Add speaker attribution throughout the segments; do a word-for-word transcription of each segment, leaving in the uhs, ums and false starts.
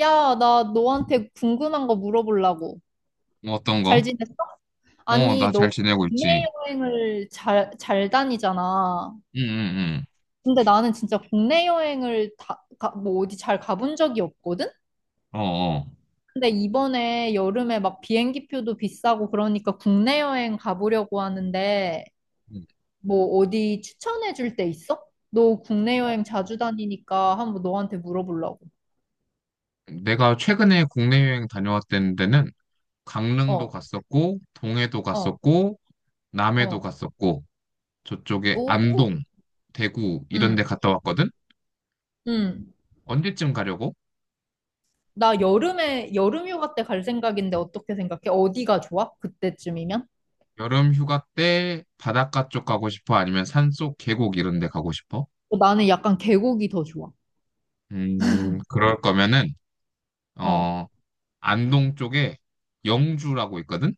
Speaker 1: 야, 나 너한테 궁금한 거 물어보려고.
Speaker 2: 뭐 어떤
Speaker 1: 잘
Speaker 2: 거?
Speaker 1: 지냈어?
Speaker 2: 어,
Speaker 1: 아니,
Speaker 2: 나 잘
Speaker 1: 너
Speaker 2: 지내고 있지.
Speaker 1: 국내 여행을 잘, 잘 다니잖아.
Speaker 2: 응, 응,
Speaker 1: 근데 나는 진짜 국내 여행을 다, 가, 뭐 어디 잘 가본 적이 없거든?
Speaker 2: 응. 어, 어.
Speaker 1: 근데 이번에 여름에 막 비행기표도 비싸고 그러니까 국내 여행 가보려고 하는데 뭐 어디 추천해 줄 데 있어? 너 국내 여행 자주 다니니까 한번 너한테 물어보려고.
Speaker 2: 내가 최근에 국내 여행 다녀왔던 데는 강릉도
Speaker 1: 어,
Speaker 2: 갔었고, 동해도
Speaker 1: 어,
Speaker 2: 갔었고, 남해도
Speaker 1: 어.
Speaker 2: 갔었고, 저쪽에
Speaker 1: 오,
Speaker 2: 안동, 대구 이런
Speaker 1: 응,
Speaker 2: 데 갔다 왔거든?
Speaker 1: 응.
Speaker 2: 언제쯤 가려고?
Speaker 1: 나 여름에 여름 휴가 때 갈 생각인데 어떻게 생각해? 어디가 좋아? 그때쯤이면?
Speaker 2: 여름 휴가 때 바닷가 쪽 가고 싶어? 아니면 산속 계곡 이런 데 가고 싶어?
Speaker 1: 어, 나는 약간 계곡이 더 좋아.
Speaker 2: 음, 그럴 거면은,
Speaker 1: 어.
Speaker 2: 어, 안동 쪽에 영주라고 있거든?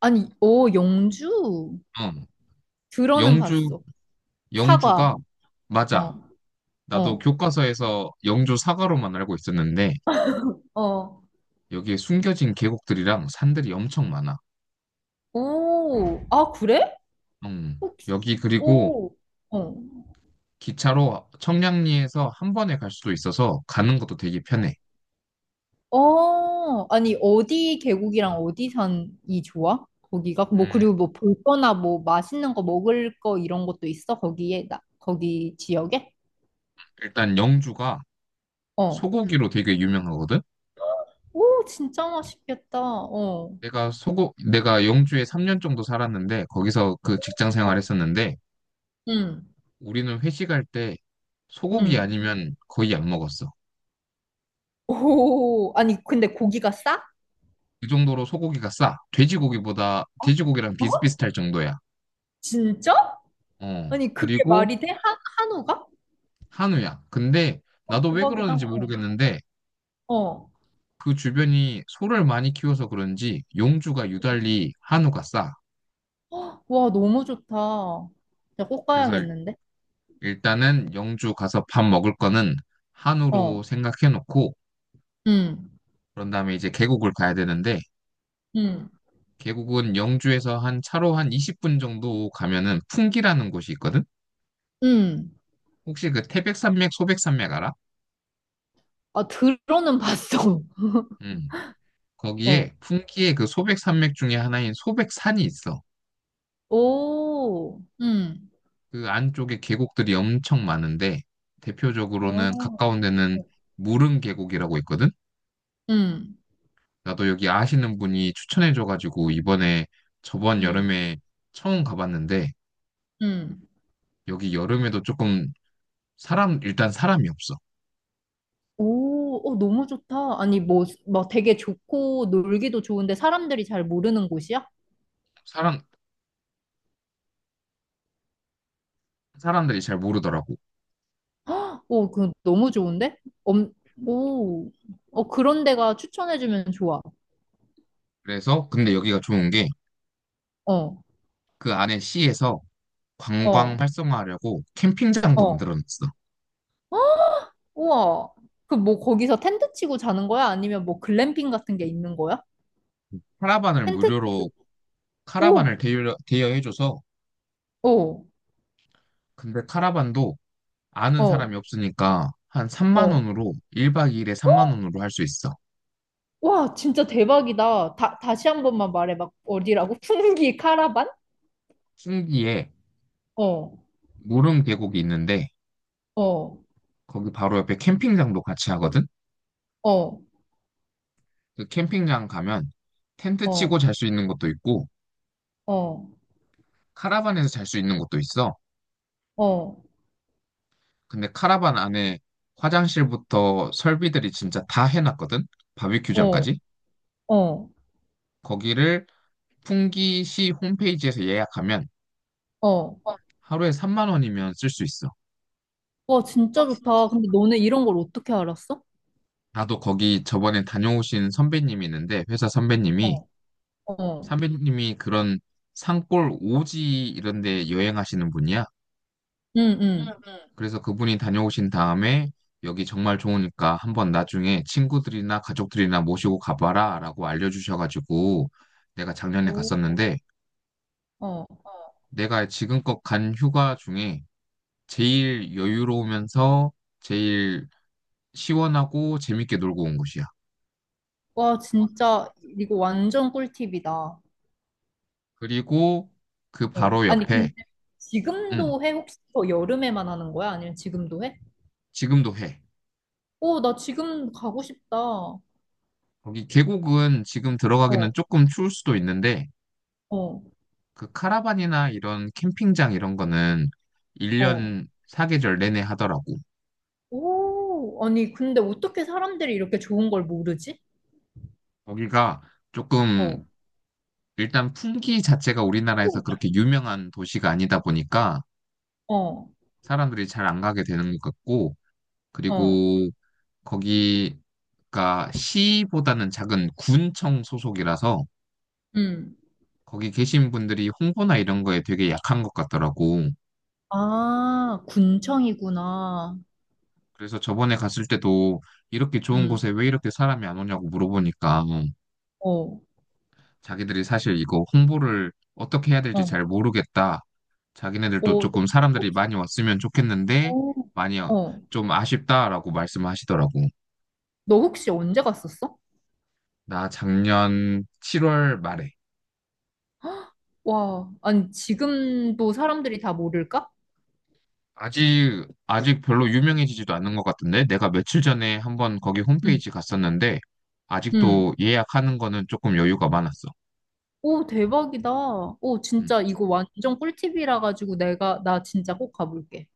Speaker 1: 아니, 오, 영주?
Speaker 2: 어,
Speaker 1: 들어는
Speaker 2: 영주
Speaker 1: 봤어. 사과.
Speaker 2: 영주가
Speaker 1: 어.
Speaker 2: 맞아. 나도
Speaker 1: 어.
Speaker 2: 교과서에서 영주 사과로만 알고 있었는데
Speaker 1: 어.
Speaker 2: 여기에 숨겨진 계곡들이랑 산들이 엄청 많아.
Speaker 1: 오. 아, 그래?
Speaker 2: 음,
Speaker 1: 혹시-
Speaker 2: 여기 그리고
Speaker 1: 오. 어.
Speaker 2: 기차로 청량리에서 한 번에 갈 수도 있어서 가는 것도 되게 편해.
Speaker 1: 어. 아니, 어디 계곡이랑 어디 산이 좋아? 거기가? 뭐,
Speaker 2: 음,
Speaker 1: 그리고 뭐 볼 거나 뭐 맛있는 거 먹을 거 이런 것도 있어? 거기에, 나, 거기 지역에?
Speaker 2: 일단 영주가
Speaker 1: 어.
Speaker 2: 소고기로 되게 유명하거든.
Speaker 1: 오, 진짜 맛있겠다. 어,
Speaker 2: 내가 소고 내가 영주에 삼 년 정도 살았는데 거기서 그 직장
Speaker 1: 어,
Speaker 2: 생활했었는데
Speaker 1: 응,
Speaker 2: 우리는 회식할 때 소고기
Speaker 1: 응.
Speaker 2: 아니면 거의 안 먹었어.
Speaker 1: 오, 아니, 근데 고기가 싸?
Speaker 2: 그 정도로 소고기가 싸. 돼지고기보다,
Speaker 1: 어?
Speaker 2: 돼지고기랑
Speaker 1: 어?
Speaker 2: 비슷비슷할 정도야.
Speaker 1: 진짜?
Speaker 2: 어,
Speaker 1: 아니, 그게
Speaker 2: 그리고
Speaker 1: 말이 돼? 한, 한우가?
Speaker 2: 한우야. 근데
Speaker 1: 어,
Speaker 2: 나도 왜
Speaker 1: 대박이다.
Speaker 2: 그러는지
Speaker 1: 어,
Speaker 2: 모르겠는데
Speaker 1: 어.
Speaker 2: 그 주변이 소를 많이 키워서 그런지 용주가 유달리 한우가 싸.
Speaker 1: 와, 너무 좋다. 진짜 꼭
Speaker 2: 그래서 일-
Speaker 1: 가야겠는데?
Speaker 2: 일단은 영주 가서 밥 먹을 거는 한우로
Speaker 1: 어,
Speaker 2: 생각해 놓고
Speaker 1: 응,
Speaker 2: 그런 다음에 이제 계곡을 가야 되는데
Speaker 1: 응,
Speaker 2: 계곡은 영주에서 한 차로 한 이십 분 정도 가면은 풍기라는 곳이 있거든?
Speaker 1: 응.
Speaker 2: 혹시 그 태백산맥, 소백산맥 알아?
Speaker 1: 아, 들어는 봤어.
Speaker 2: 음.
Speaker 1: 어,
Speaker 2: 거기에 풍기의 그 소백산맥 중에 하나인 소백산이 있어.
Speaker 1: 오, 응,
Speaker 2: 그 안쪽에 계곡들이 엄청 많은데 대표적으로는
Speaker 1: 어,
Speaker 2: 가까운 데는 무릉 계곡이라고 있거든.
Speaker 1: 응,
Speaker 2: 나도 여기 아시는 분이 추천해줘가지고 이번에 저번
Speaker 1: 응,
Speaker 2: 여름에 처음 가봤는데
Speaker 1: 응.
Speaker 2: 여기 여름에도 조금 사람 일단 사람이 없어.
Speaker 1: 오, 어, 너무 좋다. 아니, 뭐, 막 되게 좋고 놀기도 좋은데 사람들이 잘 모르는 곳이야?
Speaker 2: 사람 사람들이 잘 모르더라고.
Speaker 1: 헉, 오, 그 너무 좋은데? 엄, 오, 어, 그런 데가 추천해주면 좋아.
Speaker 2: 그래서 근데 여기가 좋은 게
Speaker 1: 어,
Speaker 2: 그 안에 시에서 관광
Speaker 1: 어,
Speaker 2: 활성화하려고 캠핑장도
Speaker 1: 어,
Speaker 2: 만들어놨어.
Speaker 1: 우와. 그 뭐 거기서 텐트 치고 자는 거야? 아니면 뭐 글램핑 같은 게 있는 거야?
Speaker 2: 카라반을
Speaker 1: 텐트?
Speaker 2: 무료로 카라반을
Speaker 1: 오,
Speaker 2: 대여, 대여해줘서
Speaker 1: 오,
Speaker 2: 근데 카라반도 아는 사람이
Speaker 1: 어,
Speaker 2: 없으니까 한 삼만
Speaker 1: 어.
Speaker 2: 원으로 일 박 이 일에 삼만 원으로 할 수 있어.
Speaker 1: 와, 진짜 대박이다. 다, 다시 한 번만 말해. 막 어디라고? 풍기 카라반?
Speaker 2: 풍기에
Speaker 1: 어,
Speaker 2: 무릉 계곡이 있는데
Speaker 1: 어,
Speaker 2: 거기 바로 옆에 캠핑장도 같이 하거든.
Speaker 1: 어,
Speaker 2: 그 캠핑장 가면 텐트 치고
Speaker 1: 어,
Speaker 2: 잘 수 있는 것도 있고
Speaker 1: 어.
Speaker 2: 카라반에서 잘 수 있는 것도 있어.
Speaker 1: 어,
Speaker 2: 근데 카라반 안에 화장실부터 설비들이 진짜 다 해놨거든.
Speaker 1: 어,
Speaker 2: 바비큐장까지.
Speaker 1: 어,
Speaker 2: 거기를 풍기시 홈페이지에서 예약하면
Speaker 1: 어.
Speaker 2: 하루에 삼만 원이면 쓸 수 있어.
Speaker 1: 와, 진짜 좋다. 근데 너네 이런 걸 어떻게 알았어?
Speaker 2: 나도 거기 저번에 다녀오신 선배님이 있는데, 회사 선배님이,
Speaker 1: 어, 어,
Speaker 2: 선배님이 그런 산골 오지 이런 데 여행하시는 분이야.
Speaker 1: 응, 응.
Speaker 2: 그래서 그분이 다녀오신 다음에 여기 정말 좋으니까 한번 나중에 친구들이나 가족들이나 모시고 가봐라 라고 알려주셔가지고 내가 작년에
Speaker 1: 오,
Speaker 2: 갔었는데,
Speaker 1: 어.
Speaker 2: 내가 지금껏 간 휴가 중에 제일 여유로우면서 제일 시원하고 재밌게 놀고 온 곳이야.
Speaker 1: 와, 진짜 이거 완전 꿀팁이다.
Speaker 2: 그리고 그
Speaker 1: 어.
Speaker 2: 바로
Speaker 1: 아니,
Speaker 2: 옆에,
Speaker 1: 근데
Speaker 2: 응,
Speaker 1: 지금도 해? 혹시 더 여름에만 하는 거야? 아니면 지금도 해?
Speaker 2: 지금도 해.
Speaker 1: 오, 나 지금 가고 싶다. 어,
Speaker 2: 거기 계곡은 지금 들어가기는 조금 추울 수도 있는데,
Speaker 1: 어,
Speaker 2: 그 카라반이나 이런 캠핑장 이런 거는
Speaker 1: 어.
Speaker 2: 일 년 사계절 내내 하더라고.
Speaker 1: 오, 아니, 근데 어떻게 사람들이 이렇게 좋은 걸 모르지?
Speaker 2: 거기가 조금,
Speaker 1: 어,
Speaker 2: 일단 풍기 자체가
Speaker 1: 피
Speaker 2: 우리나라에서 그렇게 유명한 도시가 아니다 보니까
Speaker 1: 어,
Speaker 2: 사람들이 잘 안 가게 되는 것 같고,
Speaker 1: 어,
Speaker 2: 그리고 거기가 시보다는 작은 군청 소속이라서
Speaker 1: 응.
Speaker 2: 거기 계신 분들이 홍보나 이런 거에 되게 약한 것 같더라고.
Speaker 1: 아, 군청이구나.
Speaker 2: 그래서 저번에 갔을 때도 이렇게 좋은
Speaker 1: 응.
Speaker 2: 곳에 왜 이렇게 사람이 안 오냐고 물어보니까
Speaker 1: 어,
Speaker 2: 자기들이 사실 이거 홍보를 어떻게 해야 될지
Speaker 1: 어,
Speaker 2: 잘 모르겠다. 자기네들도
Speaker 1: 어,
Speaker 2: 조금
Speaker 1: 너
Speaker 2: 사람들이
Speaker 1: 혹시,
Speaker 2: 많이 왔으면 좋겠는데
Speaker 1: 어,
Speaker 2: 많이 어-
Speaker 1: 어.
Speaker 2: 좀 아쉽다라고 말씀하시더라고.
Speaker 1: 너 혹시 언제 갔었어?
Speaker 2: 나 작년 칠월 말에
Speaker 1: 와, 아니, 지금도 사람들이 다 모를까?
Speaker 2: 아직 아직 별로 유명해지지도 않은 것 같은데 내가 며칠 전에 한번 거기
Speaker 1: 응,
Speaker 2: 홈페이지 갔었는데
Speaker 1: 응.
Speaker 2: 아직도 예약하는 거는 조금 여유가 많았어.
Speaker 1: 오, 대박이다. 오,
Speaker 2: 음.
Speaker 1: 진짜 이거 완전 꿀팁이라 가지고 내가, 나 진짜 꼭 가볼게.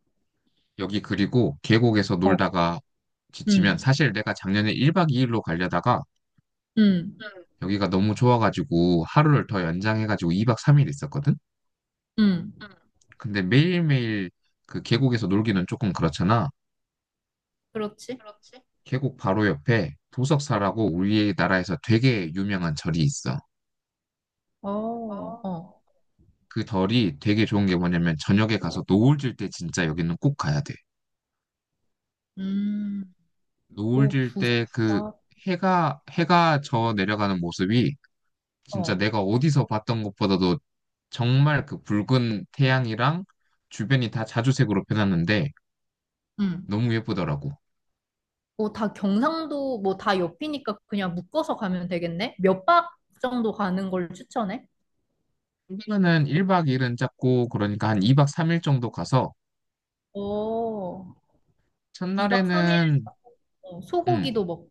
Speaker 2: 여기 그리고 계곡에서
Speaker 1: 어,
Speaker 2: 놀다가 지치면
Speaker 1: 응,
Speaker 2: 사실 내가 작년에 일 박 이 일로 가려다가
Speaker 1: 응,
Speaker 2: 여기가 너무 좋아가지고 하루를 더 연장해가지고 이 박 삼 일 있었거든?
Speaker 1: 응.
Speaker 2: 근데 매일매일 그 계곡에서 놀기는 조금 그렇잖아.
Speaker 1: 그렇지?
Speaker 2: 계곡 바로 옆에 도석사라고 우리나라에서 되게 유명한 절이 있어.
Speaker 1: 어, 어.
Speaker 2: 그 절이 되게 좋은 게 뭐냐면 저녁에 가서 노을 질 때 진짜 여기는 꼭 가야 돼.
Speaker 1: 음,
Speaker 2: 노을
Speaker 1: 오,
Speaker 2: 질 때 그
Speaker 1: 부럽다.
Speaker 2: 해가 해가 저 내려가는 모습이 진짜
Speaker 1: 어,
Speaker 2: 내가 어디서 봤던 것보다도 정말 그 붉은 태양이랑 주변이 다 자주색으로 변하는데
Speaker 1: 응.
Speaker 2: 너무 예쁘더라고.
Speaker 1: 뭐 다 경상도 뭐 다 옆이니까 그냥 묶어서 가면 되겠네? 몇 박 정도 가는 걸 추천해?
Speaker 2: 휴가는 일 박 이 일은 잡고 그러니까 한 이 박 삼 일 정도 가서
Speaker 1: 어, 이 박 삼 일.
Speaker 2: 첫날에는
Speaker 1: 어,
Speaker 2: 응,
Speaker 1: 소고기도 먹고,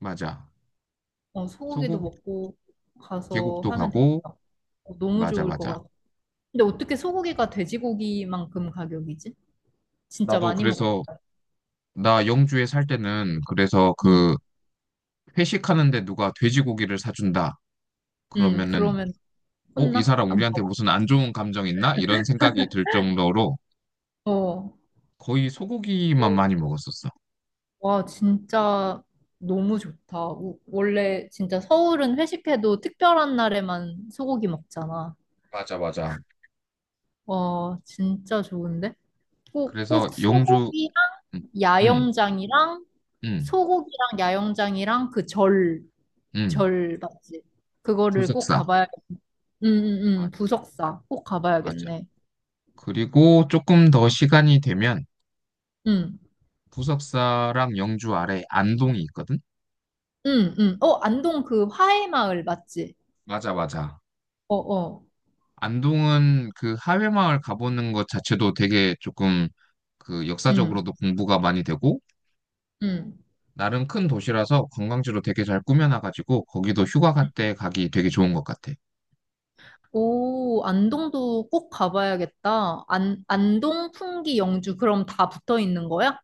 Speaker 2: 맞아.
Speaker 1: 어, 소고기도
Speaker 2: 소곡
Speaker 1: 먹고 가서
Speaker 2: 계곡도
Speaker 1: 하면
Speaker 2: 가고
Speaker 1: 되겠다. 어, 너무
Speaker 2: 맞아
Speaker 1: 좋을 것
Speaker 2: 맞아.
Speaker 1: 같아. 근데 어떻게 소고기가 돼지고기만큼 가격이지? 진짜
Speaker 2: 나도
Speaker 1: 많이 먹고
Speaker 2: 그래서
Speaker 1: 가요.
Speaker 2: 나 영주에 살 때는 그래서
Speaker 1: 응,
Speaker 2: 그 회식하는데 누가 돼지고기를 사준다.
Speaker 1: 응,
Speaker 2: 그러면은
Speaker 1: 그러면
Speaker 2: 어, 이
Speaker 1: 혼나?
Speaker 2: 사람
Speaker 1: 안
Speaker 2: 우리한테
Speaker 1: 먹어?
Speaker 2: 무슨 안 좋은 감정 있나? 이런 생각이 들 정도로
Speaker 1: 어,
Speaker 2: 거의 소고기만 많이 먹었었어.
Speaker 1: 와, 진짜 너무 좋다. 우- 원래 진짜 서울은 회식해도 특별한 날에만 소고기 먹잖아.
Speaker 2: 맞아, 맞아.
Speaker 1: 와, 진짜 좋은데? 꼭,
Speaker 2: 그래서
Speaker 1: 꼭
Speaker 2: 영주,
Speaker 1: 소고기랑
Speaker 2: 음, 음,
Speaker 1: 야영장이랑
Speaker 2: 음,
Speaker 1: 소고기랑 야영장이랑 그 절,
Speaker 2: 음,
Speaker 1: 절 맞지? 그거를 꼭
Speaker 2: 부석사.
Speaker 1: 가봐야, 응, 응, 응,
Speaker 2: 마-
Speaker 1: 부석사 꼭
Speaker 2: 맞아.
Speaker 1: 가봐야겠네.
Speaker 2: 그리고 조금 더 시간이 되면
Speaker 1: 응,
Speaker 2: 부석사랑 영주 아래 안동이 있거든?
Speaker 1: 응, 응. 어, 안동 그 화해마을 맞지?
Speaker 2: 맞아, 맞아.
Speaker 1: 어, 어,
Speaker 2: 안동은 그 하회마을 가보는 것 자체도 되게 조금 그
Speaker 1: 응,
Speaker 2: 역사적으로도 공부가 많이 되고
Speaker 1: 응.
Speaker 2: 나름 큰 도시라서 관광지로 되게 잘 꾸며놔가지고 거기도 휴가 갈 때 가기 되게 좋은 것 같아.
Speaker 1: 오, 안동도 꼭 가봐야겠다. 안, 안동, 풍기, 영주, 그럼 다 붙어 있는 거야?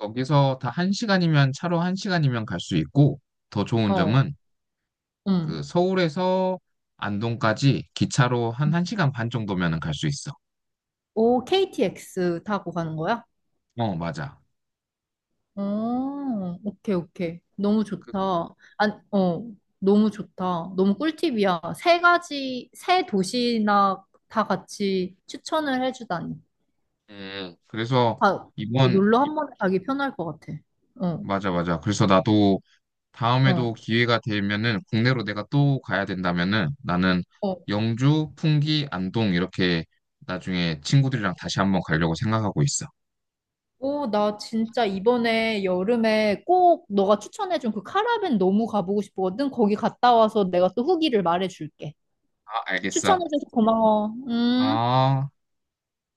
Speaker 2: 거기서 다 한 시간이면 차로 한 시간이면 갈 수 있고 더 좋은
Speaker 1: 어,
Speaker 2: 점은 그
Speaker 1: 음.
Speaker 2: 서울에서 안동까지 기차로 한 1시간 반 정도면은 갈 수 있어.
Speaker 1: 오, 케이티엑스 타고 가는 거야?
Speaker 2: 어, 맞아.
Speaker 1: 어, 오케이, 오케이. 너무
Speaker 2: 그,
Speaker 1: 좋다. 안, 어, 너무 좋다. 너무 꿀팁이야. 세 가지, 세 도시나 다 같이 추천을 해주다니.
Speaker 2: 음, 그래서
Speaker 1: 아,
Speaker 2: 이번
Speaker 1: 놀러 한 번에 가기 편할 것 같아. 어,
Speaker 2: 맞아 맞아. 그래서 나도
Speaker 1: 어,
Speaker 2: 다음에도 기회가 되면은 국내로 내가 또 가야 된다면은 나는
Speaker 1: 어.
Speaker 2: 영주, 풍기, 안동 이렇게 나중에 친구들이랑 다시 한번 가려고 생각하고 있어.
Speaker 1: 오, 나 진짜 이번에 여름에 꼭 너가 추천해준 그 카라벤 너무 가보고 싶거든. 거기 갔다 와서 내가 또 후기를 말해줄게.
Speaker 2: 아, 알겠어.
Speaker 1: 추천해줘서 고마워. 음.
Speaker 2: 아.